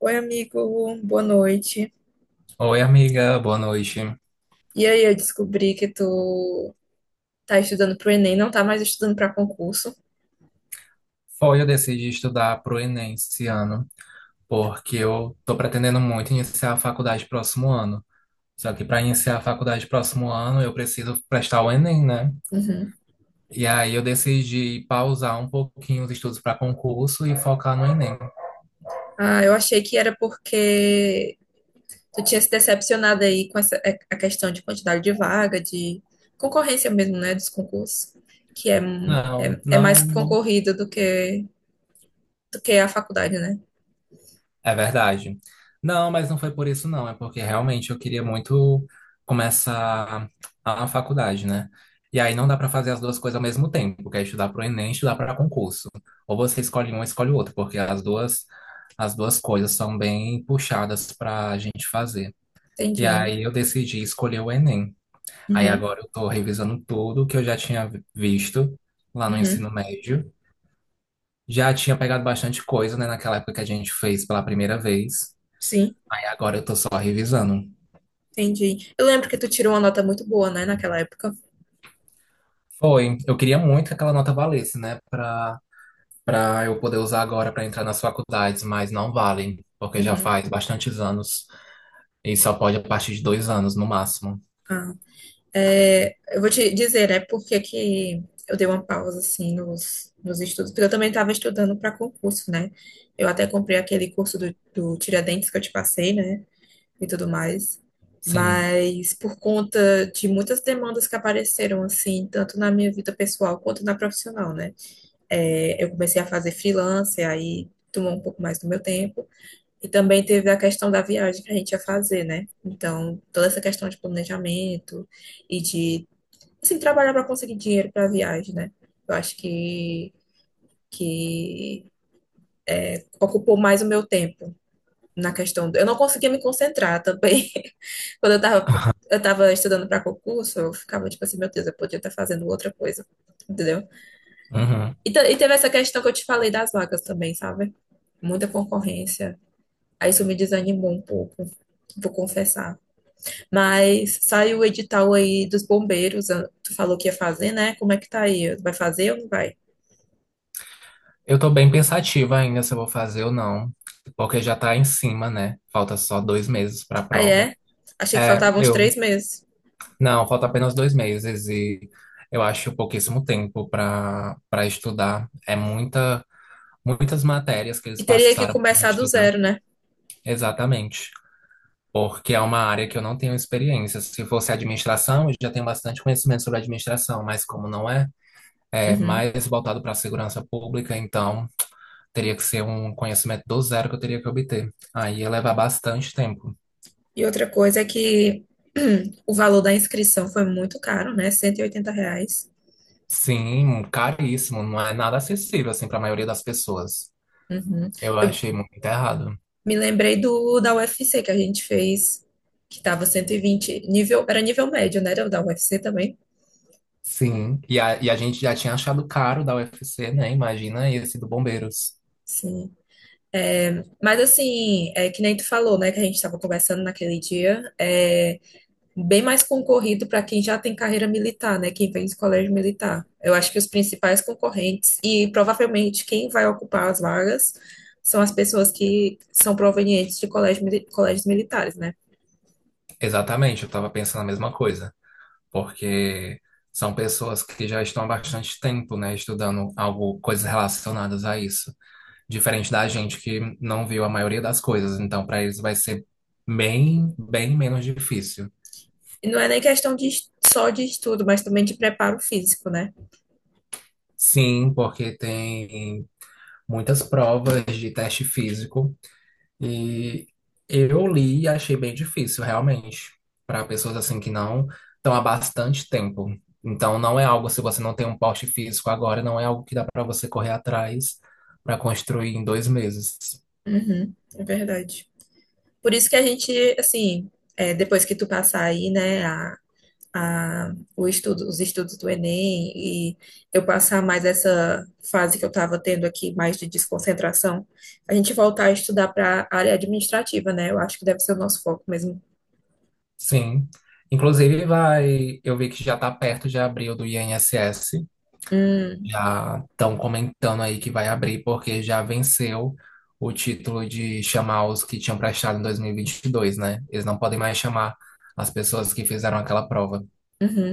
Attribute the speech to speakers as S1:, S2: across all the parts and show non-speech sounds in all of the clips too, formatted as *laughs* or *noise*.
S1: Oi, amigo, boa noite.
S2: Oi, amiga, boa noite.
S1: E aí, eu descobri que tu tá estudando pro Enem, não tá mais estudando pra concurso.
S2: Foi, eu decidi estudar pro Enem esse ano, porque eu tô pretendendo muito iniciar a faculdade próximo ano. Só que para iniciar a faculdade próximo ano, eu preciso prestar o Enem, né?
S1: Uhum.
S2: E aí eu decidi pausar um pouquinho os estudos para concurso e focar no Enem.
S1: Ah, eu achei que era porque tu tinha se decepcionado aí com essa, a questão de quantidade de vaga, de concorrência mesmo, né, dos concursos, que é, um-
S2: Não,
S1: é, é
S2: não,
S1: mais
S2: não.
S1: concorrido do que a faculdade, né?
S2: É verdade. Não, mas não foi por isso, não. É porque realmente eu queria muito começar a faculdade, né? E aí não dá para fazer as duas coisas ao mesmo tempo, que é estudar para o Enem e estudar para concurso. Ou você escolhe um, ou escolhe o outro, porque as duas coisas são bem puxadas para a gente fazer. E
S1: Entendi.
S2: aí eu decidi escolher o Enem. Aí
S1: Uhum,
S2: agora eu estou revisando tudo que eu já tinha visto lá no
S1: uhum.
S2: ensino médio. Já tinha pegado bastante coisa, né, naquela época que a gente fez pela primeira vez.
S1: Sim.
S2: Aí agora eu tô só revisando.
S1: Entendi. Eu lembro que tu tirou uma nota muito boa, né, naquela época.
S2: Foi. Eu queria muito que aquela nota valesse, né? Pra eu poder usar agora pra entrar nas faculdades, mas não vale, porque já
S1: Uhum.
S2: faz bastantes anos e só pode a partir de 2 anos no máximo.
S1: Ah, eu vou te dizer, né, por que que eu dei uma pausa, assim, nos estudos, porque eu também estava estudando para concurso, né? Eu até comprei aquele curso do Tiradentes que eu te passei, né, e tudo mais.
S2: Sim.
S1: Mas por conta de muitas demandas que apareceram, assim, tanto na minha vida pessoal quanto na profissional, né? Eu comecei a fazer freelance, aí tomou um pouco mais do meu tempo. E também teve a questão da viagem que a gente ia fazer, né? Então, toda essa questão de planejamento e de, assim, trabalhar para conseguir dinheiro para a viagem, né? Eu acho que ocupou mais o meu tempo na questão. Eu não conseguia me concentrar também. *laughs* Quando eu tava estudando para concurso, eu ficava tipo assim, meu Deus, eu podia estar fazendo outra coisa, entendeu?
S2: Uhum.
S1: E teve essa questão que eu te falei das vagas também, sabe? Muita concorrência. Aí isso me desanimou um pouco, vou confessar. Mas saiu o edital aí dos bombeiros. Ah, tu falou que ia fazer, né? Como é que tá aí? Vai fazer ou não vai?
S2: Eu tô bem pensativa ainda se eu vou fazer ou não, porque já tá em cima, né? Falta só 2 meses pra
S1: Aí é.
S2: prova.
S1: Achei que
S2: É,
S1: faltavam uns
S2: eu.
S1: 3 meses.
S2: Não, falta apenas 2 meses e eu acho pouquíssimo tempo para estudar. Muitas matérias que eles
S1: E teria que
S2: passaram para a
S1: começar
S2: gente
S1: do
S2: estudar.
S1: zero, né?
S2: Exatamente. Porque é uma área que eu não tenho experiência. Se fosse administração, eu já tenho bastante conhecimento sobre administração, mas como não é, é
S1: Uhum.
S2: mais voltado para a segurança pública, então teria que ser um conhecimento do zero que eu teria que obter. Aí ia levar bastante tempo.
S1: E outra coisa é que *clears throat* o valor da inscrição foi muito caro, né? R$ 180.
S2: Sim, caríssimo, não é nada acessível assim para a maioria das pessoas.
S1: Uhum.
S2: Eu
S1: Eu
S2: achei muito errado.
S1: me lembrei do da UFC que a gente fez, que tava 120 nível, era nível médio, né? Era da UFC também.
S2: Sim, e a gente já tinha achado caro da UFC, né? Imagina esse do Bombeiros.
S1: Sim. Mas assim, é que nem tu falou, né? Que a gente estava conversando naquele dia. Bem mais concorrido para quem já tem carreira militar, né? Quem vem de colégio militar. Eu acho que os principais concorrentes e provavelmente quem vai ocupar as vagas são as pessoas que são provenientes de colégios militares, né?
S2: Exatamente, eu estava pensando a mesma coisa, porque são pessoas que já estão há bastante tempo, né, estudando algo, coisas relacionadas a isso, diferente da gente que não viu a maioria das coisas, então para eles vai ser bem, bem menos difícil.
S1: E não é nem questão só de estudo, mas também de preparo físico, né?
S2: Sim, porque tem muitas provas de teste físico e eu li e achei bem difícil, realmente, para pessoas assim que não estão há bastante tempo. Então, não é algo, se você não tem um porte físico agora, não é algo que dá para você correr atrás para construir em 2 meses.
S1: Uhum, é verdade. Por isso que a gente, assim, depois que tu passar aí, né, os estudos do Enem e eu passar mais essa fase que eu estava tendo aqui, mais de desconcentração, a gente voltar a estudar para a área administrativa, né? Eu acho que deve ser o nosso foco mesmo.
S2: Sim. Inclusive, vai, eu vi que já está perto de abril do INSS.
S1: Hum,
S2: Já estão comentando aí que vai abrir, porque já venceu o título de chamar os que tinham prestado em 2022, né? Eles não podem mais chamar as pessoas que fizeram aquela prova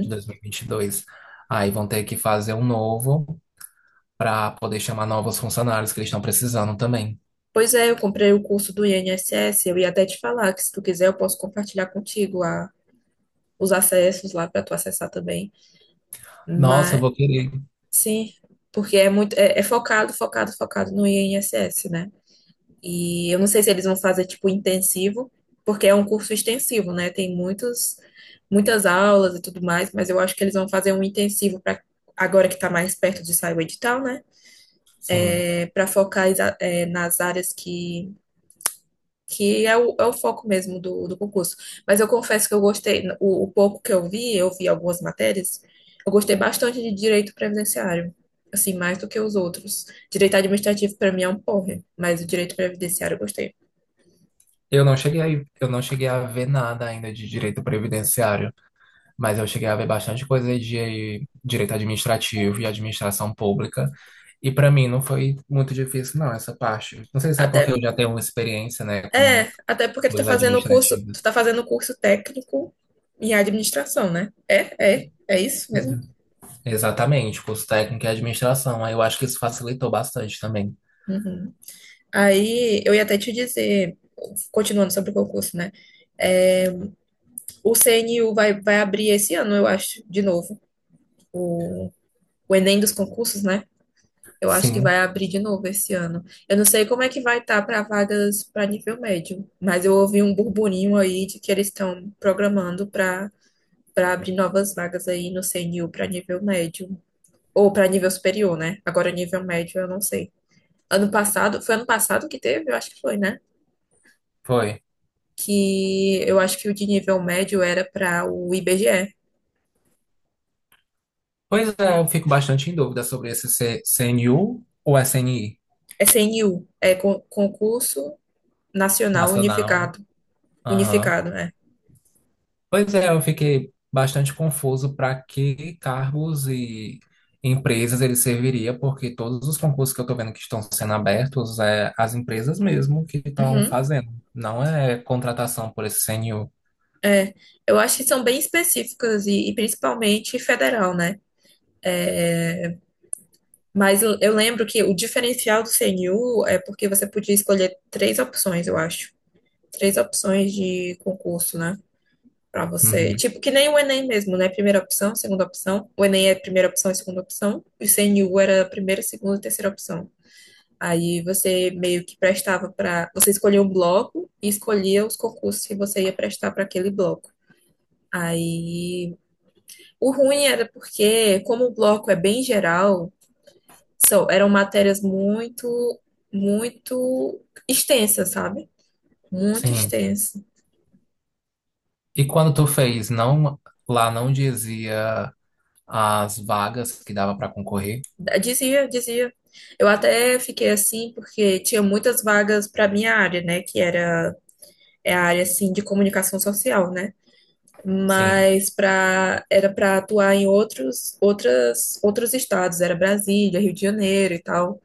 S2: de 2022. Aí vão ter que fazer um novo para poder chamar novos funcionários que eles estão precisando também.
S1: Pois é, eu comprei o curso do INSS, eu ia até te falar que se tu quiser eu posso compartilhar contigo os acessos lá para tu acessar também.
S2: Nossa, eu
S1: Mas
S2: vou querer.
S1: sim, porque é muito é focado, focado, focado no INSS, né? E eu não sei se eles vão fazer tipo intensivo, porque é um curso extensivo, né? Tem muitas aulas e tudo mais, mas eu acho que eles vão fazer um intensivo para agora que está mais perto de sair o edital, né?
S2: Sim.
S1: Para focar nas áreas que é o foco mesmo do concurso. Mas eu confesso que eu gostei, o pouco que eu vi algumas matérias, eu gostei bastante de direito previdenciário. Assim, mais do que os outros. Direito administrativo, para mim, é um porre, mas o direito previdenciário eu gostei.
S2: Eu não cheguei a, eu não cheguei a ver nada ainda de direito previdenciário. Mas eu cheguei a ver bastante coisa de direito administrativo e administração pública. E para mim não foi muito difícil, não, essa parte. Não sei se é porque
S1: Até
S2: eu já tenho uma experiência, né, com
S1: até porque tu tá
S2: coisas
S1: fazendo o curso,
S2: administrativas.
S1: técnico em administração, né? É isso mesmo?
S2: Uhum. Exatamente, curso técnico e administração. Aí eu acho que isso facilitou bastante também.
S1: Uhum. Aí eu ia até te dizer, continuando sobre o concurso, né? É, o CNU vai abrir esse ano, eu acho, de novo. O, o Enem dos concursos, né? Eu acho que vai
S2: Sim,
S1: abrir de novo esse ano. Eu não sei como é que vai estar para vagas para nível médio, mas eu ouvi um burburinho aí de que eles estão programando para abrir novas vagas aí no CNU para nível médio. Ou para nível superior, né? Agora, nível médio, eu não sei. Ano passado, foi ano passado que teve? Eu acho que foi, né?
S2: foi.
S1: Que eu acho que o de nível médio era para o IBGE.
S2: Pois é, eu fico bastante em dúvida sobre esse CNU ou SNI
S1: É CNU, é Concurso Nacional
S2: nacional.
S1: Unificado.
S2: Aham.
S1: Unificado, né?
S2: Pois é, eu fiquei bastante confuso para que cargos e empresas ele serviria, porque todos os concursos que eu estou vendo que estão sendo abertos é as empresas mesmo que estão
S1: Uhum,
S2: fazendo, não é contratação por esse CNU.
S1: é. Eu acho que são bem específicas e principalmente federal, né? Mas eu lembro que o diferencial do CNU é porque você podia escolher três opções, eu acho. Três opções de concurso, né? Pra você.
S2: Uhum.
S1: Tipo, que nem o Enem mesmo, né? Primeira opção, segunda opção. O Enem é primeira opção e segunda opção. E o CNU era primeira, segunda e terceira opção. Aí você meio que prestava pra. Você escolhia um bloco e escolhia os concursos que você ia prestar pra aquele bloco. Aí o ruim era porque, como o bloco é bem geral, eram matérias muito, muito extensas, sabe? Muito
S2: Sim.
S1: extensas.
S2: E quando tu fez, lá não dizia as vagas que dava para concorrer?
S1: Dizia, dizia. Eu até fiquei assim porque tinha muitas vagas para minha área, né? Que era é a área assim de comunicação social, né?
S2: Sim.
S1: Mas para era para atuar em outros estados, era Brasília, Rio de Janeiro e tal.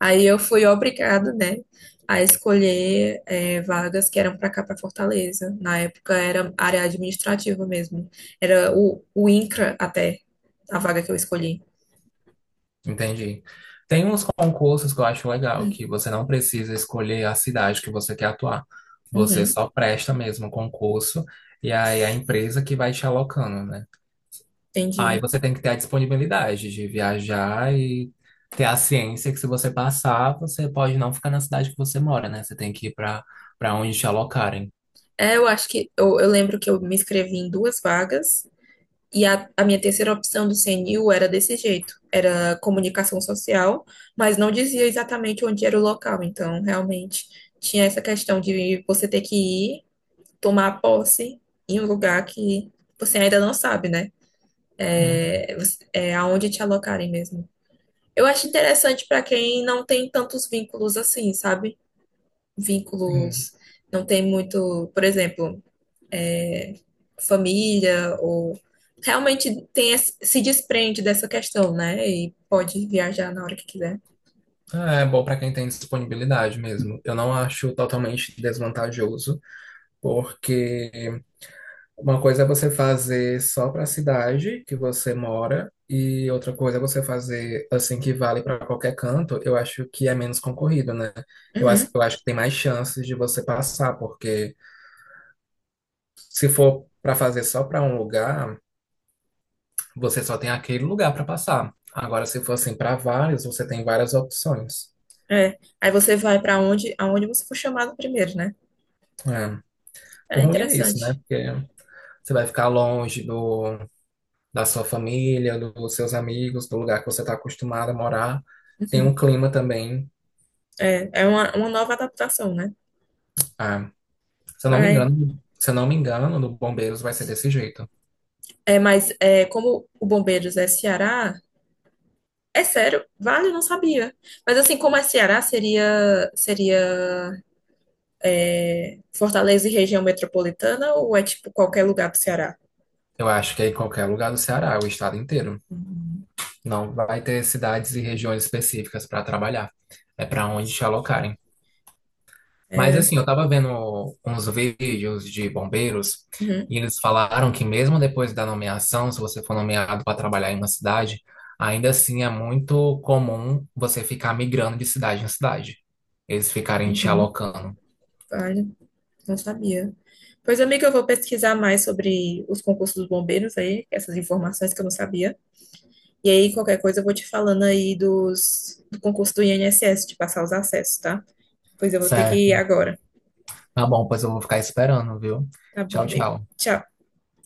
S1: Aí eu fui obrigada, né, a escolher vagas que eram para cá, para Fortaleza. Na época era área administrativa mesmo. Era o INCRA até a vaga que eu escolhi.
S2: Entendi. Tem uns concursos que eu acho legal, que você não precisa escolher a cidade que você quer atuar. Você
S1: Uhum,
S2: só presta mesmo o concurso e aí é a empresa que vai te alocando, né? Aí
S1: entendi.
S2: você tem que ter a disponibilidade de viajar e ter a ciência que se você passar, você pode não ficar na cidade que você mora, né? Você tem que ir para onde te alocarem.
S1: Eu acho que eu lembro que eu me inscrevi em duas vagas e a minha terceira opção do CNU era desse jeito, era comunicação social, mas não dizia exatamente onde era o local, então realmente tinha essa questão de você ter que ir tomar posse em um lugar que você ainda não sabe, né?
S2: Uhum.
S1: É aonde te alocarem mesmo. Eu acho interessante para quem não tem tantos vínculos assim, sabe?
S2: Sim.
S1: Vínculos, não tem muito, por exemplo, família ou realmente tem se desprende dessa questão, né? E pode viajar na hora que quiser.
S2: É bom para quem tem disponibilidade mesmo. Eu não acho totalmente desvantajoso, porque uma coisa é você fazer só para a cidade que você mora, e outra coisa é você fazer assim que vale para qualquer canto. Eu acho que é menos concorrido, né? Eu
S1: Uhum,
S2: acho, eu acho que tem mais chances de você passar, porque se for para fazer só para um lugar, você só tem aquele lugar para passar. Agora, se for assim para vários, você tem várias opções.
S1: é. Aí você vai aonde você for chamado primeiro, né?
S2: É. O
S1: É
S2: ruim é isso, né?
S1: interessante.
S2: Porque você vai ficar longe da sua família, dos seus amigos, do lugar que você está acostumado a morar. Tem um
S1: Uhum.
S2: clima também.
S1: É uma nova adaptação, né?
S2: Ah, se eu não me
S1: Vai.
S2: engano, se eu não me engano, no Bombeiros vai ser desse jeito.
S1: Mas, como o Bombeiros é Ceará, é sério, vale, eu não sabia. Mas assim, como é Ceará, seria Fortaleza e região metropolitana ou é tipo qualquer lugar do Ceará?
S2: Eu acho que é em qualquer lugar do Ceará, o estado inteiro.
S1: Uhum.
S2: Não vai ter cidades e regiões específicas para trabalhar. É para onde te alocarem. Mas
S1: É.
S2: assim, eu tava vendo uns vídeos de bombeiros
S1: Uhum,
S2: e eles falaram que mesmo depois da nomeação, se você for nomeado para trabalhar em uma cidade, ainda assim é muito comum você ficar migrando de cidade em cidade. Eles ficarem te
S1: uhum.
S2: alocando.
S1: Vale, não sabia. Pois, amiga, eu vou pesquisar mais sobre os concursos dos bombeiros aí, essas informações que eu não sabia. E aí, qualquer coisa, eu vou te falando aí do concurso do INSS, de passar os acessos, tá? Pois eu vou ter que ir
S2: Certo.
S1: agora.
S2: Tá bom, pois eu vou ficar esperando, viu?
S1: Tá bom,
S2: Tchau,
S1: amigo.
S2: tchau.
S1: Tchau.